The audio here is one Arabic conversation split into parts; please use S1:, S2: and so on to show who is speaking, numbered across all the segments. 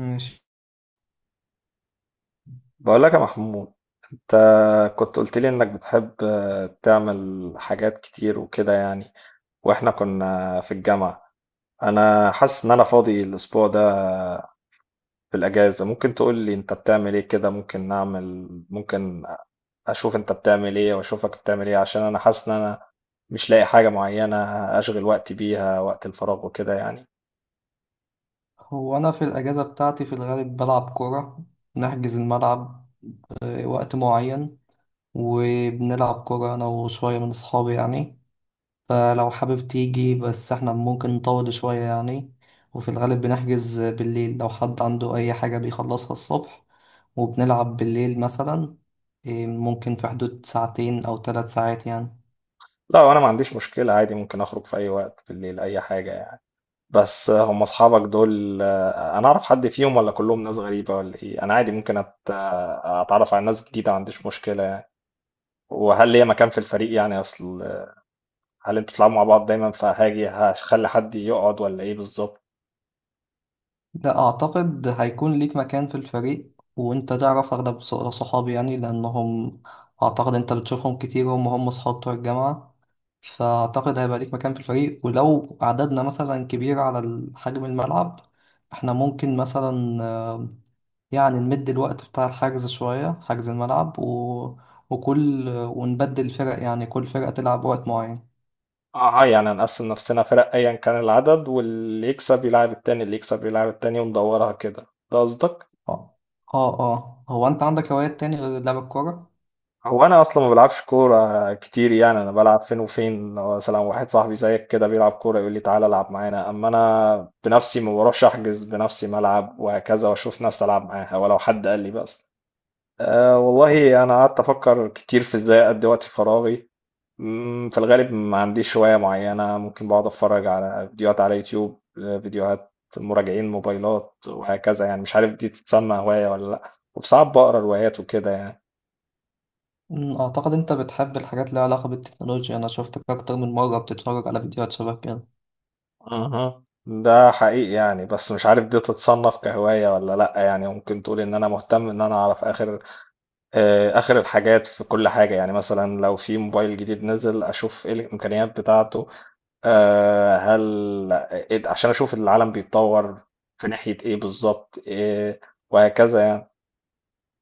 S1: ماشي.
S2: بقول لك يا محمود، انت كنت قلت لي انك بتحب، تعمل حاجات كتير وكده يعني، واحنا كنا في الجامعة. انا حاسس ان انا فاضي الاسبوع ده، في الاجازة. ممكن تقول لي انت بتعمل ايه كده؟ ممكن اشوف انت بتعمل ايه واشوفك بتعمل ايه، عشان انا حاسس ان انا مش لاقي حاجة معينة اشغل وقتي بيها وقت الفراغ وكده يعني.
S1: هو أنا في الأجازة بتاعتي في الغالب بلعب كورة، نحجز الملعب وقت معين، وبنلعب كورة أنا وشوية من أصحابي يعني. فلو حابب تيجي بس احنا ممكن نطول شوية يعني. وفي الغالب بنحجز بالليل لو حد عنده أي حاجة بيخلصها الصبح، وبنلعب بالليل مثلا. ممكن في حدود ساعتين أو 3 ساعات يعني.
S2: لا، انا ما عنديش مشكلة، عادي ممكن اخرج في اي وقت بالليل اي حاجة يعني. بس هم اصحابك دول، انا اعرف حد فيهم ولا كلهم ناس غريبة ولا ايه؟ انا عادي ممكن اتعرف على ناس جديدة، ما عنديش مشكلة يعني. وهل ليا مكان في الفريق؟ يعني اصل هل انتوا بتلعبوا مع بعض دايما فهاجي هخلي حد يقعد ولا ايه بالظبط؟
S1: لا أعتقد هيكون ليك مكان في الفريق، وأنت تعرف أغلب صحابي يعني لأنهم أعتقد أنت بتشوفهم كتير، هم صحاب بتوع الجامعة. فأعتقد هيبقى ليك مكان في الفريق، ولو عددنا مثلا كبير على حجم الملعب، إحنا ممكن مثلا يعني نمد الوقت بتاع الحجز شوية، حجز الملعب ونبدل الفرق، يعني كل فرقة تلعب وقت معين.
S2: اه، يعني هنقسم نفسنا فرق ايا كان العدد، واللي يكسب يلعب التاني اللي يكسب يلعب التاني وندورها كده، ده قصدك؟
S1: اه. هو أنت عندك هوايات تاني غير لعب الكورة؟
S2: هو انا اصلا ما بلعبش كوره كتير يعني، انا بلعب فين وفين، لو مثلا واحد صاحبي زيك كده بيلعب كوره يقول لي تعالى العب معانا، اما انا بنفسي ما بروحش احجز بنفسي ملعب وهكذا واشوف ناس العب معاها، ولو حد قال لي بس. أه والله انا قعدت افكر كتير في ازاي اقضي وقت فراغي. في الغالب ما عنديش هوايه معينه. ممكن بقعد اتفرج على فيديوهات على يوتيوب، فيديوهات مراجعين موبايلات وهكذا يعني، مش عارف دي تتسمى هوايه ولا لا، وساعات بقرا روايات وكده يعني.
S1: أعتقد أنت بتحب الحاجات اللي لها علاقة بالتكنولوجيا، أنا شفتك أكتر من مرة بتتفرج على فيديوهات شبه كده.
S2: اها، ده حقيقي يعني، بس مش عارف دي تتصنف كهواية ولا لأ، يعني ممكن تقول إن أنا مهتم إن أنا أعرف آخر، آخر الحاجات في كل حاجة. يعني مثلا لو في موبايل جديد نزل أشوف إيه الإمكانيات بتاعته. آه، هل عشان أشوف العالم بيتطور في ناحية إيه بالظبط، إيه وهكذا يعني.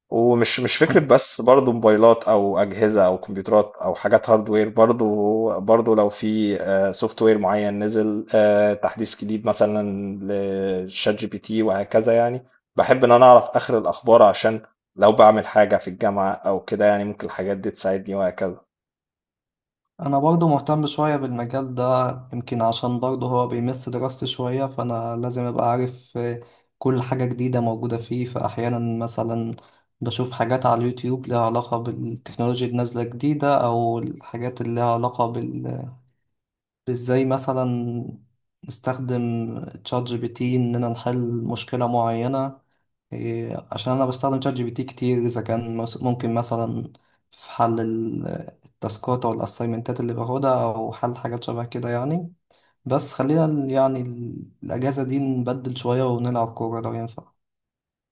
S2: ومش مش فكرة،
S1: أنا
S2: بس برضو موبايلات أو أجهزة أو كمبيوترات أو حاجات هاردوير، برضو لو في سوفت وير معين نزل، تحديث جديد مثلا لشات جي بي تي وهكذا يعني. بحب إن أنا أعرف آخر الأخبار عشان لو بعمل حاجة في الجامعة أو كده يعني ممكن الحاجات دي تساعدني وهكذا.
S1: أنا برضه مهتم شوية بالمجال ده، يمكن عشان برضه هو بيمس دراستي شوية، فأنا لازم أبقى عارف كل حاجة جديدة موجودة فيه. فأحيانا مثلا بشوف حاجات على اليوتيوب لها علاقة بالتكنولوجيا النازلة جديدة، أو الحاجات اللي لها علاقة ازاي مثلا نستخدم تشات جي بي تي اننا نحل مشكلة معينة. عشان انا بستخدم تشات جي بي تي كتير اذا كان ممكن مثلا في حل التاسكات او الاسايمنتات اللي باخدها او حل حاجات شبه كده يعني. بس خلينا الاجازة دي نبدل شوية ونلعب كورة لو ينفع.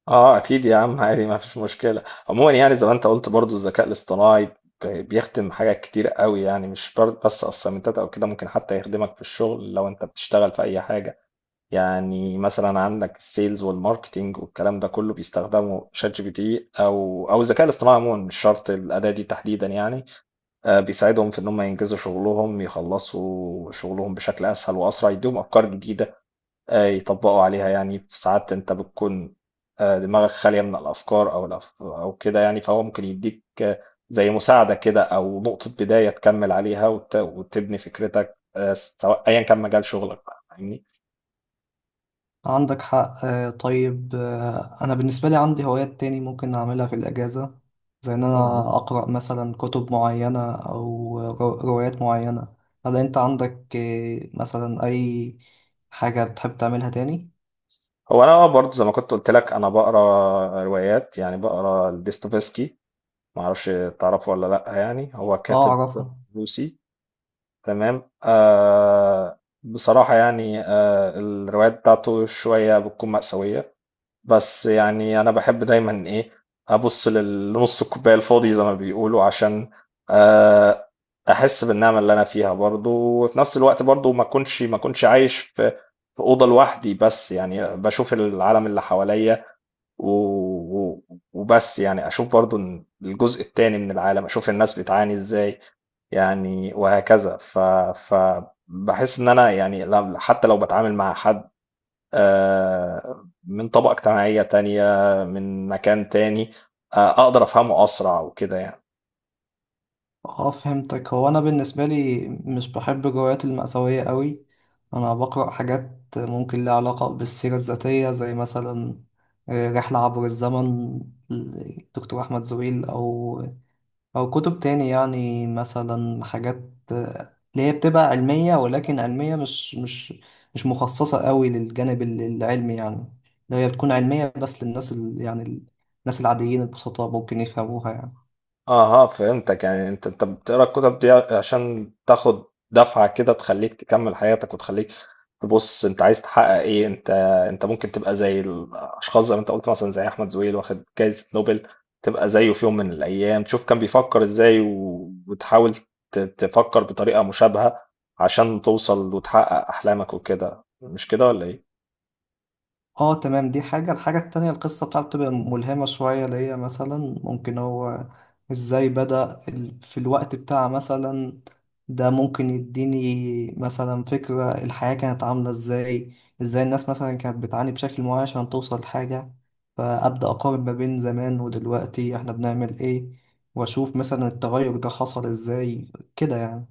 S2: اه اكيد يا عم، عادي ما فيش مشكله. عموما يعني زي ما انت قلت برضو، الذكاء الاصطناعي بيخدم حاجات كتير قوي يعني، مش بس اسايمنتات او كده، ممكن حتى يخدمك في الشغل لو انت بتشتغل في اي حاجه. يعني مثلا عندك السيلز والماركتينج والكلام ده كله بيستخدموا شات جي بي تي او الذكاء الاصطناعي عموما، مش شرط الاداه دي تحديدا يعني. بيساعدهم في ان هم ينجزوا شغلهم، يخلصوا شغلهم بشكل اسهل واسرع، يديهم افكار جديده يطبقوا عليها. يعني في ساعات انت بتكون دماغك خاليه من الافكار او كده يعني، فهو ممكن يديك، زي مساعده كده او نقطه بدايه تكمل عليها وتبني فكرتك، سواء ايا كان مجال شغلك بقى، فاهمني؟
S1: عندك حق. طيب، أنا بالنسبة لي عندي هوايات تاني ممكن أعملها في الأجازة، زي إن أنا أقرأ مثلا كتب معينة أو روايات معينة. هل أنت عندك مثلا أي حاجة بتحب تعملها تاني؟
S2: هو انا برضه زي ما كنت قلت لك انا بقرا روايات يعني، بقرا ديستوفسكي. ما اعرفش تعرفه ولا لا، يعني هو
S1: آه،
S2: كاتب
S1: أعرفها.
S2: روسي. تمام. بصراحة يعني، الروايات بتاعته شوية بتكون مأساوية، بس يعني أنا باحب دايمًا، أبُص لنُص الكوباية الفاضي زي ما بيقولوا عشان، آآ أحس بالنعمة اللي أنا فيها برضه، وفي نفس الوقت برضه ما أكونش عايش في أوضة لوحدي بس، يعني باشوف العالم اللي حواليّا و و وبس يعني، أشوف برضه إن الجزء التاني من العالم، أشوف الناس بتعاني إزاي يعني وهكذا. فباحس إن أنا يعني لم حتى لو باتعامل مع حد، من طبقة اجتماعية تانية، من مكان تاني، أقدر أفهمه أسرع وكده يعني.
S1: آه، فهمتك. هو أنا بالنسبة لي مش بحب الروايات المأساوية قوي، أنا بقرأ حاجات ممكن لها علاقة بالسيرة الذاتية، زي مثلا رحلة عبر الزمن دكتور أحمد زويل، أو كتب تاني يعني مثلا حاجات اللي هي بتبقى علمية، ولكن علمية مش مخصصة قوي للجانب العلمي يعني، اللي هي بتكون علمية بس للناس الناس العاديين البسطاء ممكن يفهموها يعني.
S2: أها فهمتك، يعني أنت بتقرأ الكتب دي عشان تاخد دفعة كده تخليك تكمل حياتك وتخليك تبص أنت عايز تحقق إيه. أنت أنت ممكن تبقى زي الأشخاص زي ما أنت قلت، مثلا زي أحمد زويل واخد جايزة نوبل، تبقى زيه في يوم من الأيام، تشوف كان بيفكر إزاي وتحاول تفكر بطريقة مشابهة عشان توصل وتحقق أحلامك وكده، مش كده ولا إيه؟
S1: اه، تمام، دي حاجة. الحاجة التانية، القصة بتاعته بتبقى ملهمة شوية، اللي هي مثلا ممكن هو ازاي بدأ في الوقت بتاع مثلا ده، ممكن يديني مثلا فكرة الحياة كانت عاملة ازاي، ازاي الناس مثلا كانت بتعاني بشكل معين عشان توصل لحاجة، فأبدأ أقارن ما بين زمان ودلوقتي احنا بنعمل ايه، وأشوف مثلا التغير ده حصل ازاي كده يعني.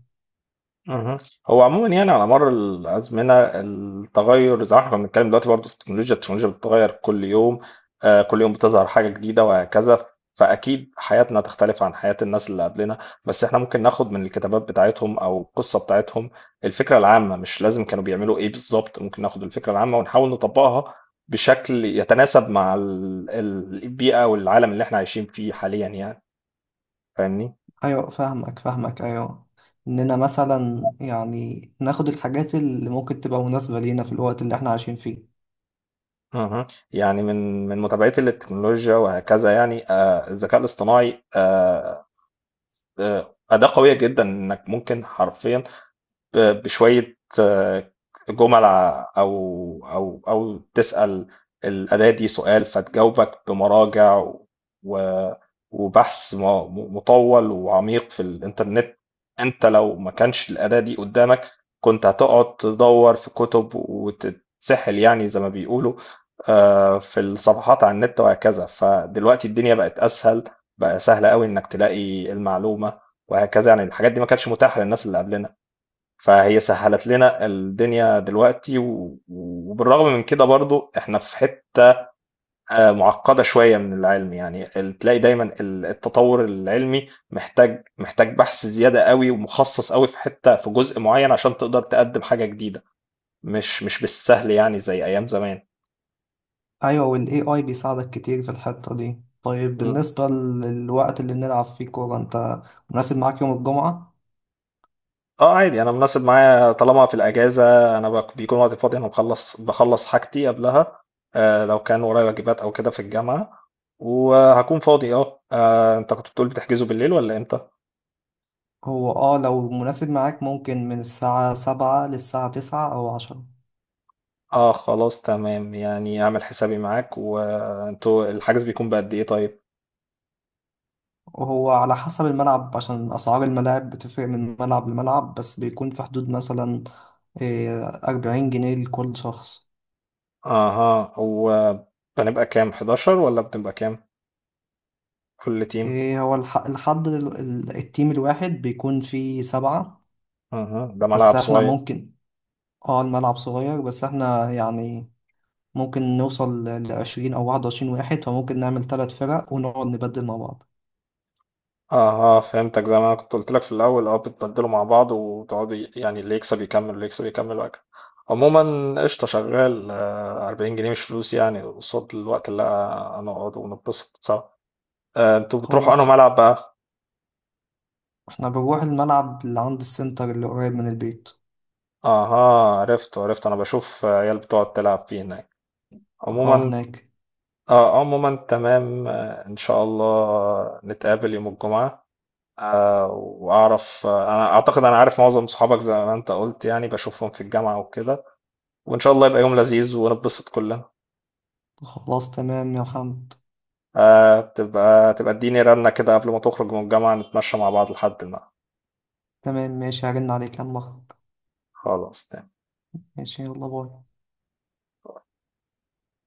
S2: مهم. هو عموما يعني على مر الازمنه التغير، زي ما احنا كنا بنتكلم دلوقتي برضه في التكنولوجيا بتتغير كل يوم، كل يوم بتظهر حاجه جديده وهكذا. فاكيد حياتنا تختلف عن حياه الناس اللي قبلنا، بس احنا ممكن ناخد من الكتابات بتاعتهم او القصه بتاعتهم الفكره العامه. مش لازم كانوا بيعملوا ايه بالظبط، ممكن ناخد الفكره العامه ونحاول نطبقها بشكل يتناسب مع البيئه والعالم اللي احنا عايشين فيه حاليا يعني، فاهمني؟
S1: ايوه فاهمك، فاهمك، ايوه، اننا مثلا يعني ناخد الحاجات اللي ممكن تبقى مناسبة لينا في الوقت اللي احنا عايشين فيه.
S2: اها. يعني من متابعتي للتكنولوجيا وهكذا يعني، الذكاء الاصطناعي، أداة قوية جدا إنك ممكن حرفيا بشوية، جمل أو تسأل الأداة دي سؤال فتجاوبك بمراجع و- وبحث مطول وعميق في الإنترنت. أنت لو ما كانش الأداة دي قدامك كنت هتقعد تدور في كتب وتتسحل يعني زي ما بيقولوا، في الصفحات على النت وهكذا. فدلوقتي الدنيا بقت أسهل، بقى سهل قوي إنك تلاقي المعلومة وهكذا يعني. الحاجات دي ما كانتش متاحة للناس اللي قبلنا، فهي سهلت لنا الدنيا دلوقتي، وبالرغم من كده برضو احنا في حتة معقدة شوية من العلم يعني. تلاقي دايما التطور العلمي محتاج بحث زيادة قوي ومخصص قوي في حتة في جزء معين عشان تقدر تقدم حاجة جديدة، مش بالسهل يعني زي أيام زمان.
S1: ايوه، والاي اي بيساعدك كتير في الحتة دي. طيب بالنسبة للوقت اللي بنلعب فيه كورة، انت مناسب معاك يوم الجمعة؟
S2: اه عادي، انا مناسب معايا طالما في الاجازه. انا بيكون وقت فاضي. انا بخلص حاجتي قبلها، آه لو كان ورايا واجبات او كده في الجامعه، وهكون فاضي. اه، انت كنت بتقول بتحجزوا بالليل ولا امتى؟
S1: هو اه، لو مناسب معاك ممكن من الساعة 7 للساعة 9 او 10.
S2: اه خلاص تمام يعني، اعمل حسابي معاك. وانتوا الحجز بيكون بقد ايه طيب؟
S1: وهو على حسب الملعب، عشان أسعار الملاعب بتفرق من ملعب لملعب، بس بيكون في حدود مثلا 40 جنيه لكل شخص.
S2: اها، هو بنبقى كام 11 ولا بنبقى كام كل تيم؟
S1: إيه، هو التيم الواحد بيكون فيه 7.
S2: اها ده
S1: بس
S2: ملعب
S1: احنا
S2: صغير.
S1: ممكن، اه، الملعب صغير، بس احنا يعني ممكن نوصل ل20 أو 21 واحد، فممكن نعمل 3 فرق ونقعد نبدل مع بعض.
S2: اه اه فهمتك، زي ما انا كنت قلت لك في الاول، اه بتبدلوا مع بعض وتقعدوا يعني اللي يكسب يكمل واللي يكسب يكمل وهكذا. عموما قشطه، شغال، 40 جنيه مش فلوس يعني قصاد الوقت اللي هنقعد ونتبسط سوا. انتوا بتروحوا انهي
S1: خلاص،
S2: ملعب بقى؟
S1: احنا بنروح الملعب اللي عند السنتر اللي قريب من البيت.
S2: اها عرفت عرفت، انا بشوف عيال بتقعد تلعب فيه هناك.
S1: اه،
S2: عموما
S1: هناك.
S2: اه، عموما تمام، ان شاء الله نتقابل يوم الجمعة. واعرف، انا اعتقد انا عارف معظم صحابك زي ما انت قلت يعني، بشوفهم في الجامعة وكده، وإن شاء الله يبقى يوم لذيذ ونتبسط كلنا.
S1: خلاص، تمام يا محمد.
S2: تبقى اديني رنة كده قبل ما تخرج من الجامعة نتمشى مع بعض لحد ما.
S1: تمام، ماشي، هرن عليك لما أخرج.
S2: خلاص تمام.
S1: ماشي، يلا باي.